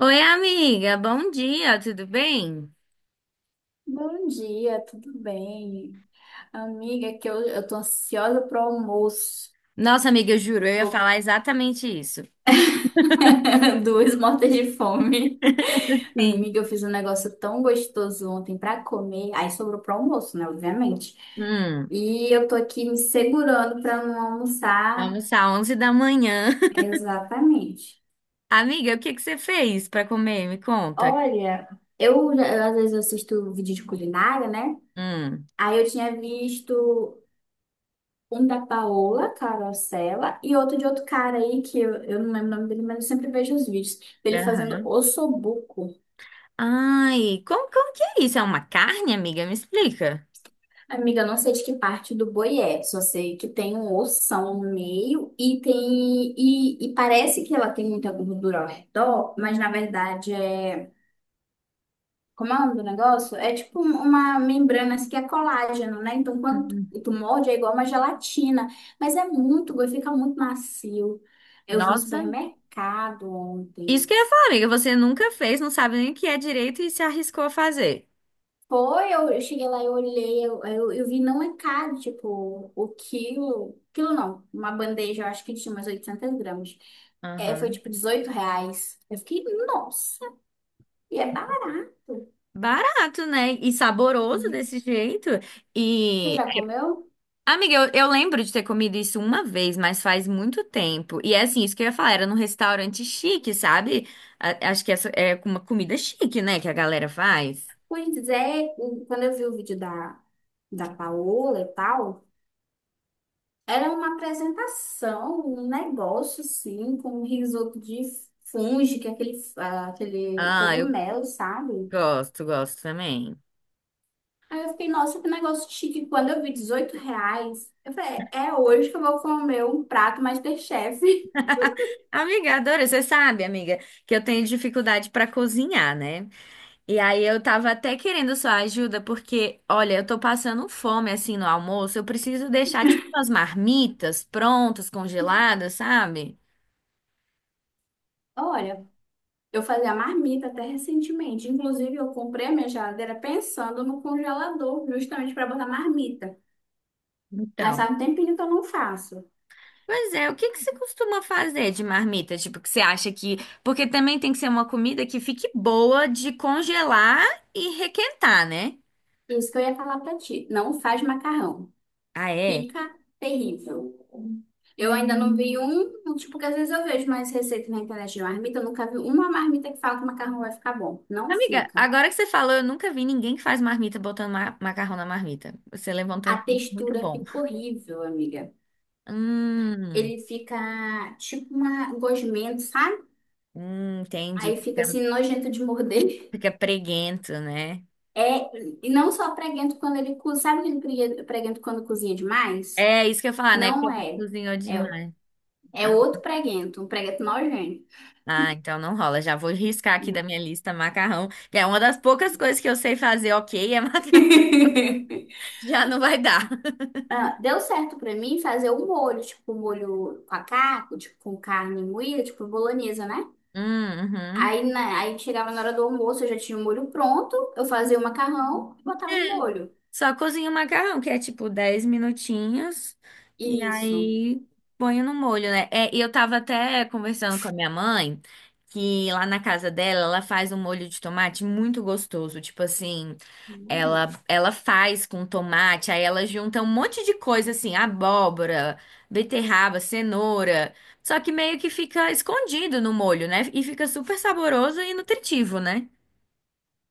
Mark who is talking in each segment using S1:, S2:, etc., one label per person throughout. S1: Oi, amiga, bom dia, tudo bem?
S2: Bom dia, tudo bem? Amiga, é que eu tô ansiosa pro almoço.
S1: Nossa, amiga, eu juro, eu ia
S2: Vou.
S1: falar exatamente isso.
S2: Duas mortas de fome.
S1: Sim.
S2: Amiga, eu fiz um negócio tão gostoso ontem pra comer. Aí sobrou pro almoço, né? Obviamente.
S1: Hum,
S2: E eu tô aqui me segurando pra não almoçar.
S1: vamos às 11 da manhã.
S2: Exatamente.
S1: Amiga, o que que você fez pra comer? Me conta.
S2: Olha, eu às vezes assisto vídeo de culinária, né?
S1: Hum,
S2: Aí eu tinha visto. Um da Paola Carosella e outro de outro cara aí que eu não lembro o nome dele, mas eu sempre vejo os vídeos dele fazendo
S1: aham.
S2: ossobuco.
S1: Ai, como que é isso? É uma carne, amiga? Me explica.
S2: Amiga, eu não sei de que parte do boi é, só sei que tem um ossão no meio e parece que ela tem muita gordura ao redor, mas na verdade é. Como é o nome do negócio? É tipo uma membrana assim, que é colágeno, né? Então, quando
S1: Uhum.
S2: tu morde, é igual uma gelatina. Mas fica muito macio. Eu vi no
S1: Nossa,
S2: supermercado
S1: isso
S2: ontem.
S1: que eu ia falar, amiga, você nunca fez, não sabe nem o que é direito e se arriscou a fazer.
S2: Foi, eu cheguei lá, eu olhei, eu vi não é caro, tipo, o quilo, quilo não, uma bandeja, eu acho que tinha umas 800 gramas. É, foi
S1: Aham.
S2: tipo R$ 18. Eu fiquei, nossa, e é barato.
S1: Barato, né? E saboroso desse jeito.
S2: Você
S1: E
S2: já comeu?
S1: Amiga, eu lembro de ter comido isso uma vez, mas faz muito tempo. E é assim, isso que eu ia falar, era num restaurante chique, sabe? Acho que essa é uma comida chique, né, que a galera faz.
S2: Pois é, quando eu vi o vídeo da Paola e tal, era uma apresentação, um negócio assim, com um risoto de fungi, que é aquele
S1: Ah, eu
S2: cogumelo, sabe?
S1: gosto, gosto também.
S2: Aí eu fiquei, nossa, que negócio chique. Quando eu vi R$ 18, eu falei, é hoje que eu vou comer um prato MasterChef.
S1: Amiga, adoro. Você sabe, amiga, que eu tenho dificuldade pra cozinhar, né? E aí eu tava até querendo sua ajuda, porque, olha, eu tô passando fome assim no almoço. Eu preciso deixar, tipo, umas marmitas prontas, congeladas, sabe?
S2: Olha, eu fazia marmita até recentemente. Inclusive, eu comprei a minha geladeira pensando no congelador, justamente para botar marmita. Mas
S1: Então.
S2: faz um tempinho que eu não faço.
S1: Pois é, o que que você costuma fazer de marmita? Tipo, que você acha que. Porque também tem que ser uma comida que fique boa de congelar e requentar, né?
S2: Isso que eu ia falar para ti. Não faz macarrão.
S1: Ah, é?
S2: Fica terrível. Eu ainda não vi um tipo, que às vezes eu vejo mais receitas na internet de marmita. Eu nunca vi uma marmita que fala que o macarrão vai ficar bom. Não
S1: Amiga,
S2: fica.
S1: agora que você falou, eu nunca vi ninguém que faz marmita botando macarrão na marmita. Você levantou
S2: A
S1: um ponto muito
S2: textura
S1: bom.
S2: fica horrível, amiga.
S1: Hum,
S2: Ele fica tipo uma gosmento, sabe?
S1: entendi.
S2: Aí fica
S1: Fica,
S2: assim nojento de morder.
S1: fica preguento, né?
S2: É, e não só preguento quando ele cozinha. Sabe aquele preguento quando cozinha demais?
S1: É isso que eu ia falar, né? Que
S2: Não
S1: eu
S2: é.
S1: cozinhou
S2: É,
S1: demais.
S2: é outro preguento, um preguento nojento.
S1: Ah, então não rola. Já vou riscar aqui da
S2: Não.
S1: minha lista macarrão, que é uma das poucas coisas que eu sei fazer, ok, é macarrão. Já não vai dar.
S2: Ah, deu certo pra mim fazer o molho, tipo um molho com a carne, tipo com carne moída, tipo bolonhesa, né?
S1: Uhum.
S2: Aí, aí chegava na hora do almoço, eu já tinha o molho pronto, eu fazia o macarrão e botava o
S1: É,
S2: molho.
S1: só cozinha o macarrão, que é tipo 10 minutinhos, e
S2: Isso.
S1: aí põe no molho, né? É, e eu tava até conversando com a minha mãe, que lá na casa dela, ela faz um molho de tomate muito gostoso. Tipo assim,
S2: Hum.
S1: ela faz com tomate, aí ela junta um monte de coisa assim, abóbora, beterraba, cenoura. Só que meio que fica escondido no molho, né? E fica super saboroso e nutritivo, né?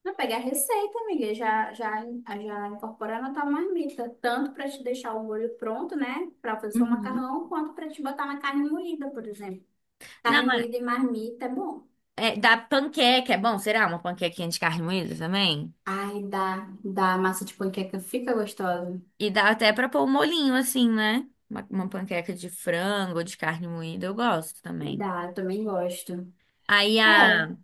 S2: Pra pegar a receita, amiga, já incorporar na tua marmita, tanto para te deixar o molho pronto, né, pra fazer o
S1: Uhum.
S2: macarrão, quanto para te botar na carne moída, por exemplo. Carne
S1: Não,
S2: moída e marmita é bom.
S1: dá panqueca, é bom, será? Uma panquequinha de carne moída também?
S2: Ai, dá, a massa de panqueca fica gostosa.
S1: E dá até pra pôr um molhinho assim, né? Uma panqueca de frango ou de carne moída, eu gosto também.
S2: Dá, eu também gosto.
S1: Aí
S2: É,
S1: a,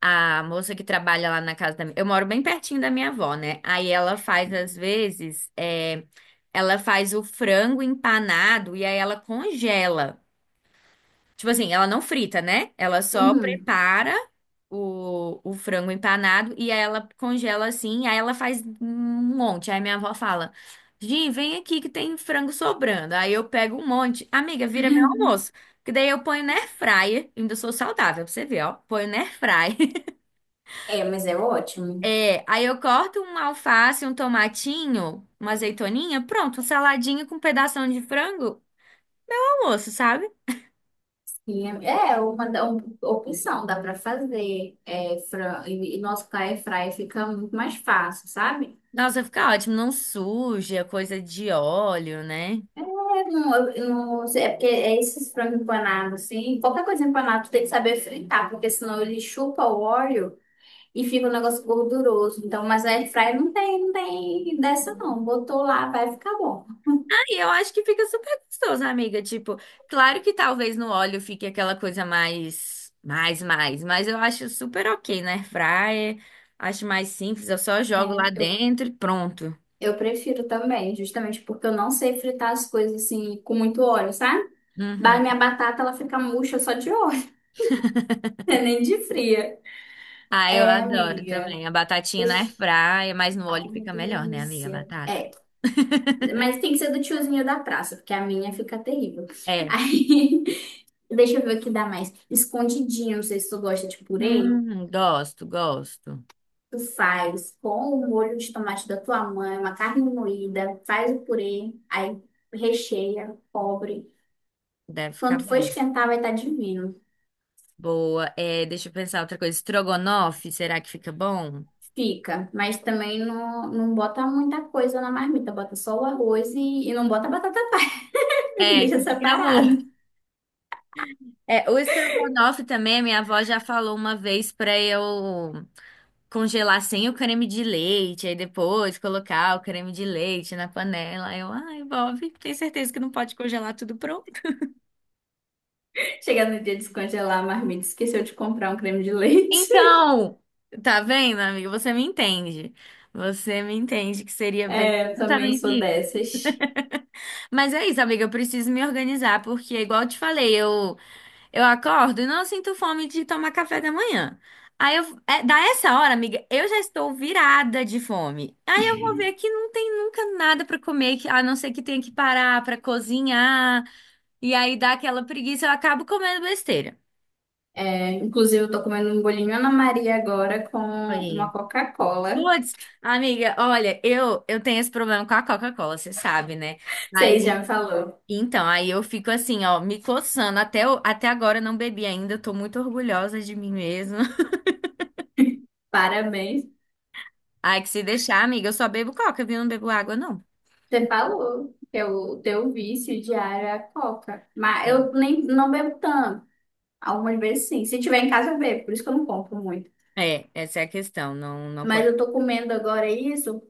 S1: a moça que trabalha lá na casa da minha... Eu moro bem pertinho da minha avó, né? Aí ela faz, às vezes, ela faz o frango empanado e aí ela congela. Tipo assim, ela não frita, né? Ela só
S2: uhum.
S1: prepara o frango empanado e aí ela congela assim, aí ela faz um monte. Aí minha avó fala: Gi, vem aqui que tem frango sobrando. Aí eu pego um monte. Amiga, vira meu almoço. Que daí eu ponho na air fryer, ainda sou saudável, pra você ver, ó. Ponho na air fryer.
S2: É, mas é ótimo.
S1: É, aí eu corto uma alface, um tomatinho, uma azeitoninha, pronto, saladinha com um pedação de frango, almoço, sabe?
S2: E é uma opção, dá para fazer. É, e nosso air fry fica muito mais fácil, sabe?
S1: Nossa, fica ótimo, não suja, coisa de óleo, né?
S2: É, não, eu não sei, é porque é esses frangos empanados, assim. Qualquer coisa empanada, tu tem que saber fritar, porque senão ele chupa o óleo e fica um negócio gorduroso. Então, mas a air fry não tem, não tem dessa, não. Botou lá, vai ficar bom.
S1: Ah, e eu acho que fica super gostoso, amiga. Tipo, claro que talvez no óleo fique aquela coisa mais, mais, mais, mas eu acho super ok na airfryer. Acho mais simples, eu só
S2: É,
S1: jogo lá
S2: eu,
S1: dentro e pronto.
S2: eu prefiro também, justamente porque eu não sei fritar as coisas assim com muito óleo, sabe?
S1: Uhum.
S2: Minha batata, ela fica murcha só de óleo. Nem de fria.
S1: Ah, eu
S2: É,
S1: adoro
S2: amiga.
S1: também. A batatinha na
S2: Deixa.
S1: airfryer, mas no
S2: Ai,
S1: óleo
S2: uma
S1: fica melhor, né, amiga? A
S2: delícia.
S1: batata.
S2: É, mas tem que ser do tiozinho da praça, porque a minha fica terrível.
S1: É.
S2: Aí, deixa eu ver o que dá mais. Escondidinho, não sei se tu gosta de purê.
S1: Gosto, gosto.
S2: Tu faz com o molho de tomate da tua mãe, uma carne moída, faz o purê, aí recheia, cobre.
S1: Deve ficar
S2: Quando for
S1: bom.
S2: esquentar, vai estar divino.
S1: Boa. É, deixa eu pensar outra coisa. Estrogonofe, será que fica bom?
S2: Fica, mas também não bota muita coisa na marmita, bota só o arroz e não bota batata.
S1: É,
S2: Deixa
S1: que amor.
S2: separado.
S1: É, o estrogonofe também, minha avó já falou uma vez pra eu congelar sem o creme de leite, aí depois colocar o creme de leite na panela. Aí Eu, ai, Bob, tenho certeza que não pode congelar tudo pronto.
S2: Chegar no dia de descongelar a marmita, esqueceu de comprar um creme de leite.
S1: Então, tá vendo, amiga? Você me entende. Você me entende que seria bem
S2: É, eu também
S1: exatamente
S2: sou
S1: isso.
S2: dessas.
S1: Mas é isso, amiga, eu preciso me organizar, porque, igual eu te falei, Eu acordo e não sinto fome de tomar café da manhã. Aí eu, dá essa hora, amiga, eu já estou virada de fome. Aí eu vou ver que não tem nunca nada para comer, a não ser que tenha que parar para cozinhar. E aí dá aquela preguiça, eu acabo comendo besteira.
S2: É, inclusive, eu tô comendo um bolinho Ana Maria agora com uma
S1: Aí.
S2: Coca-Cola.
S1: Puts, amiga, olha, eu tenho esse problema com a Coca-Cola, você sabe, né? Aí,
S2: Vocês já me falou.
S1: então, aí eu fico assim, ó, me coçando. Até, até agora eu não bebi ainda, eu tô muito orgulhosa de mim mesma.
S2: Parabéns.
S1: Ai, que se deixar, amiga, eu só bebo coca, viu? Eu não bebo água, não.
S2: Você falou que é o teu vício diário é a Coca. Mas
S1: É.
S2: eu nem não bebo tanto. Algumas vezes sim. Se tiver em casa, eu bebo. Por isso que eu não compro muito.
S1: É, essa é a questão, não, não
S2: Mas
S1: pode.
S2: eu tô comendo agora isso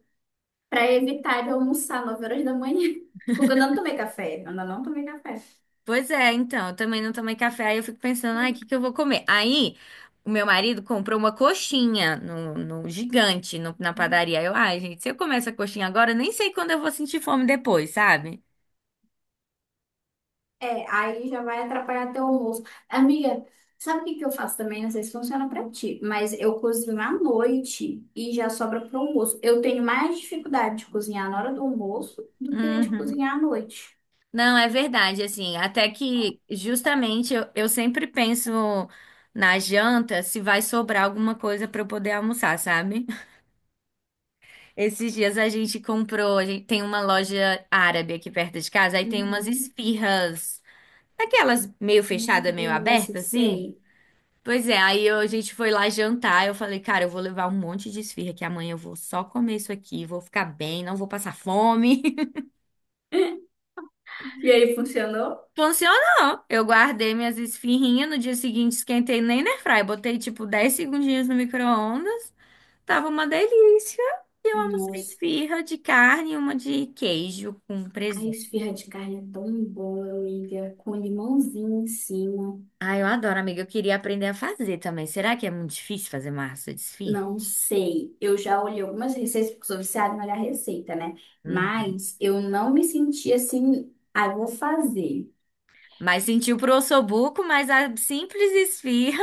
S2: para evitar de almoçar 9 horas da manhã. Porque eu ainda não tomei café, eu ainda não tomei café.
S1: Pois é, então, eu também não tomei café, aí eu fico pensando, ai, o que que eu vou comer? Aí, o meu marido comprou uma coxinha no gigante, na padaria. Eu, ai, gente, se eu comer essa coxinha agora, eu nem sei quando eu vou sentir fome depois, sabe?
S2: É, aí já vai atrapalhar teu almoço. Amiga, sabe o que que eu faço também? Não sei se funciona pra ti, mas eu cozinho à noite e já sobra pro almoço. Eu tenho mais dificuldade de cozinhar na hora do almoço do que de
S1: Uhum.
S2: cozinhar à noite.
S1: Não, é verdade, assim, até que justamente eu sempre penso na janta se vai sobrar alguma coisa pra eu poder almoçar, sabe? Esses dias a gente comprou, a gente tem uma loja árabe aqui perto de casa, aí tem umas
S2: Uhum.
S1: esfirras, aquelas meio
S2: Ai, que
S1: fechada, meio
S2: delícia,
S1: aberta, assim.
S2: sei.
S1: Pois é, aí a gente foi lá jantar, eu falei, cara, eu vou levar um monte de esfirra, que amanhã eu vou só comer isso aqui, vou ficar bem, não vou passar fome.
S2: E aí, funcionou?
S1: Funcionou! Eu guardei minhas esfirrinhas, no dia seguinte esquentei nem na airfryer, botei tipo 10 segundinhos no micro-ondas, tava uma delícia. E eu amo essa
S2: Nossa,
S1: esfirra de carne e uma de queijo com
S2: a
S1: presunto.
S2: esfirra de carne é tão boa, amiga, com limãozinho em cima.
S1: Ah, eu adoro, amiga. Eu queria aprender a fazer também. Será que é muito difícil fazer massa de esfirra?
S2: Não sei. Eu já olhei algumas receitas, porque eu sou viciada em olhar receita, né?
S1: Hum.
S2: Mas eu não me senti assim, ah, eu vou fazer.
S1: Mas sentiu pro ossobuco, mas a simples esfirra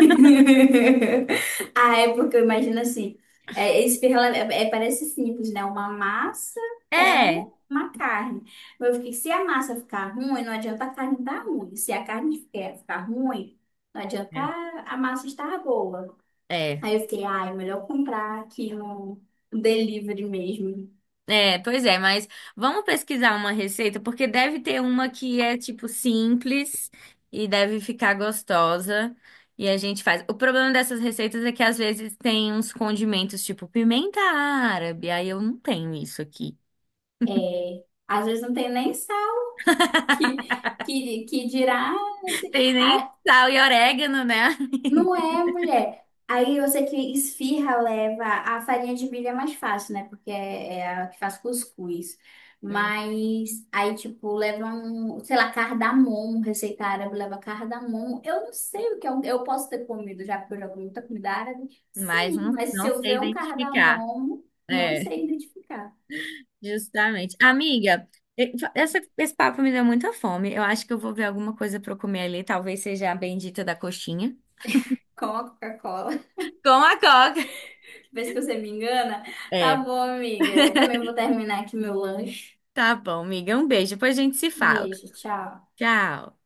S2: Ah, é porque eu imagino assim, é, esfirra, parece simples, né? Uma massa com uma carne. Mas eu fiquei, se a massa ficar ruim, não adianta a carne estar ruim. Se a carne ficar ruim, não adianta
S1: é.
S2: a massa estar boa.
S1: É,
S2: Aí eu fiquei, ai, melhor comprar aqui no delivery mesmo.
S1: Pois é, mas vamos pesquisar uma receita, porque deve ter uma que é tipo simples e deve ficar gostosa e a gente faz. O problema dessas receitas é que às vezes tem uns condimentos tipo pimenta árabe, aí eu não tenho isso aqui.
S2: É, às vezes não tem nem sal que dirá. Ah, assim,
S1: Tem nem
S2: ah,
S1: sal e orégano, né?
S2: não é, mulher. Aí você que esfirra leva a farinha de milho é mais fácil, né? Porque é a que faz cuscuz. Mas aí, tipo, leva um, sei lá, cardamomo, receita árabe leva cardamomo. Eu não sei o que é um, eu posso ter comido já, porque eu já comi muita comida árabe.
S1: Mas
S2: Sim,
S1: não,
S2: mas se
S1: não
S2: eu
S1: sei
S2: ver um
S1: identificar.
S2: cardamomo, não
S1: É,
S2: sei identificar
S1: justamente. Amiga, esse papo me deu muita fome. Eu acho que eu vou ver alguma coisa para comer ali. Talvez seja a bendita da coxinha.
S2: com a Coca-Cola.
S1: Com a coca.
S2: Vez que você me engana. Tá
S1: É,
S2: bom, amiga. Eu também vou terminar aqui meu lanche.
S1: tá bom, amiga. Um beijo. Depois a gente se fala.
S2: Beijo, tchau.
S1: Tchau.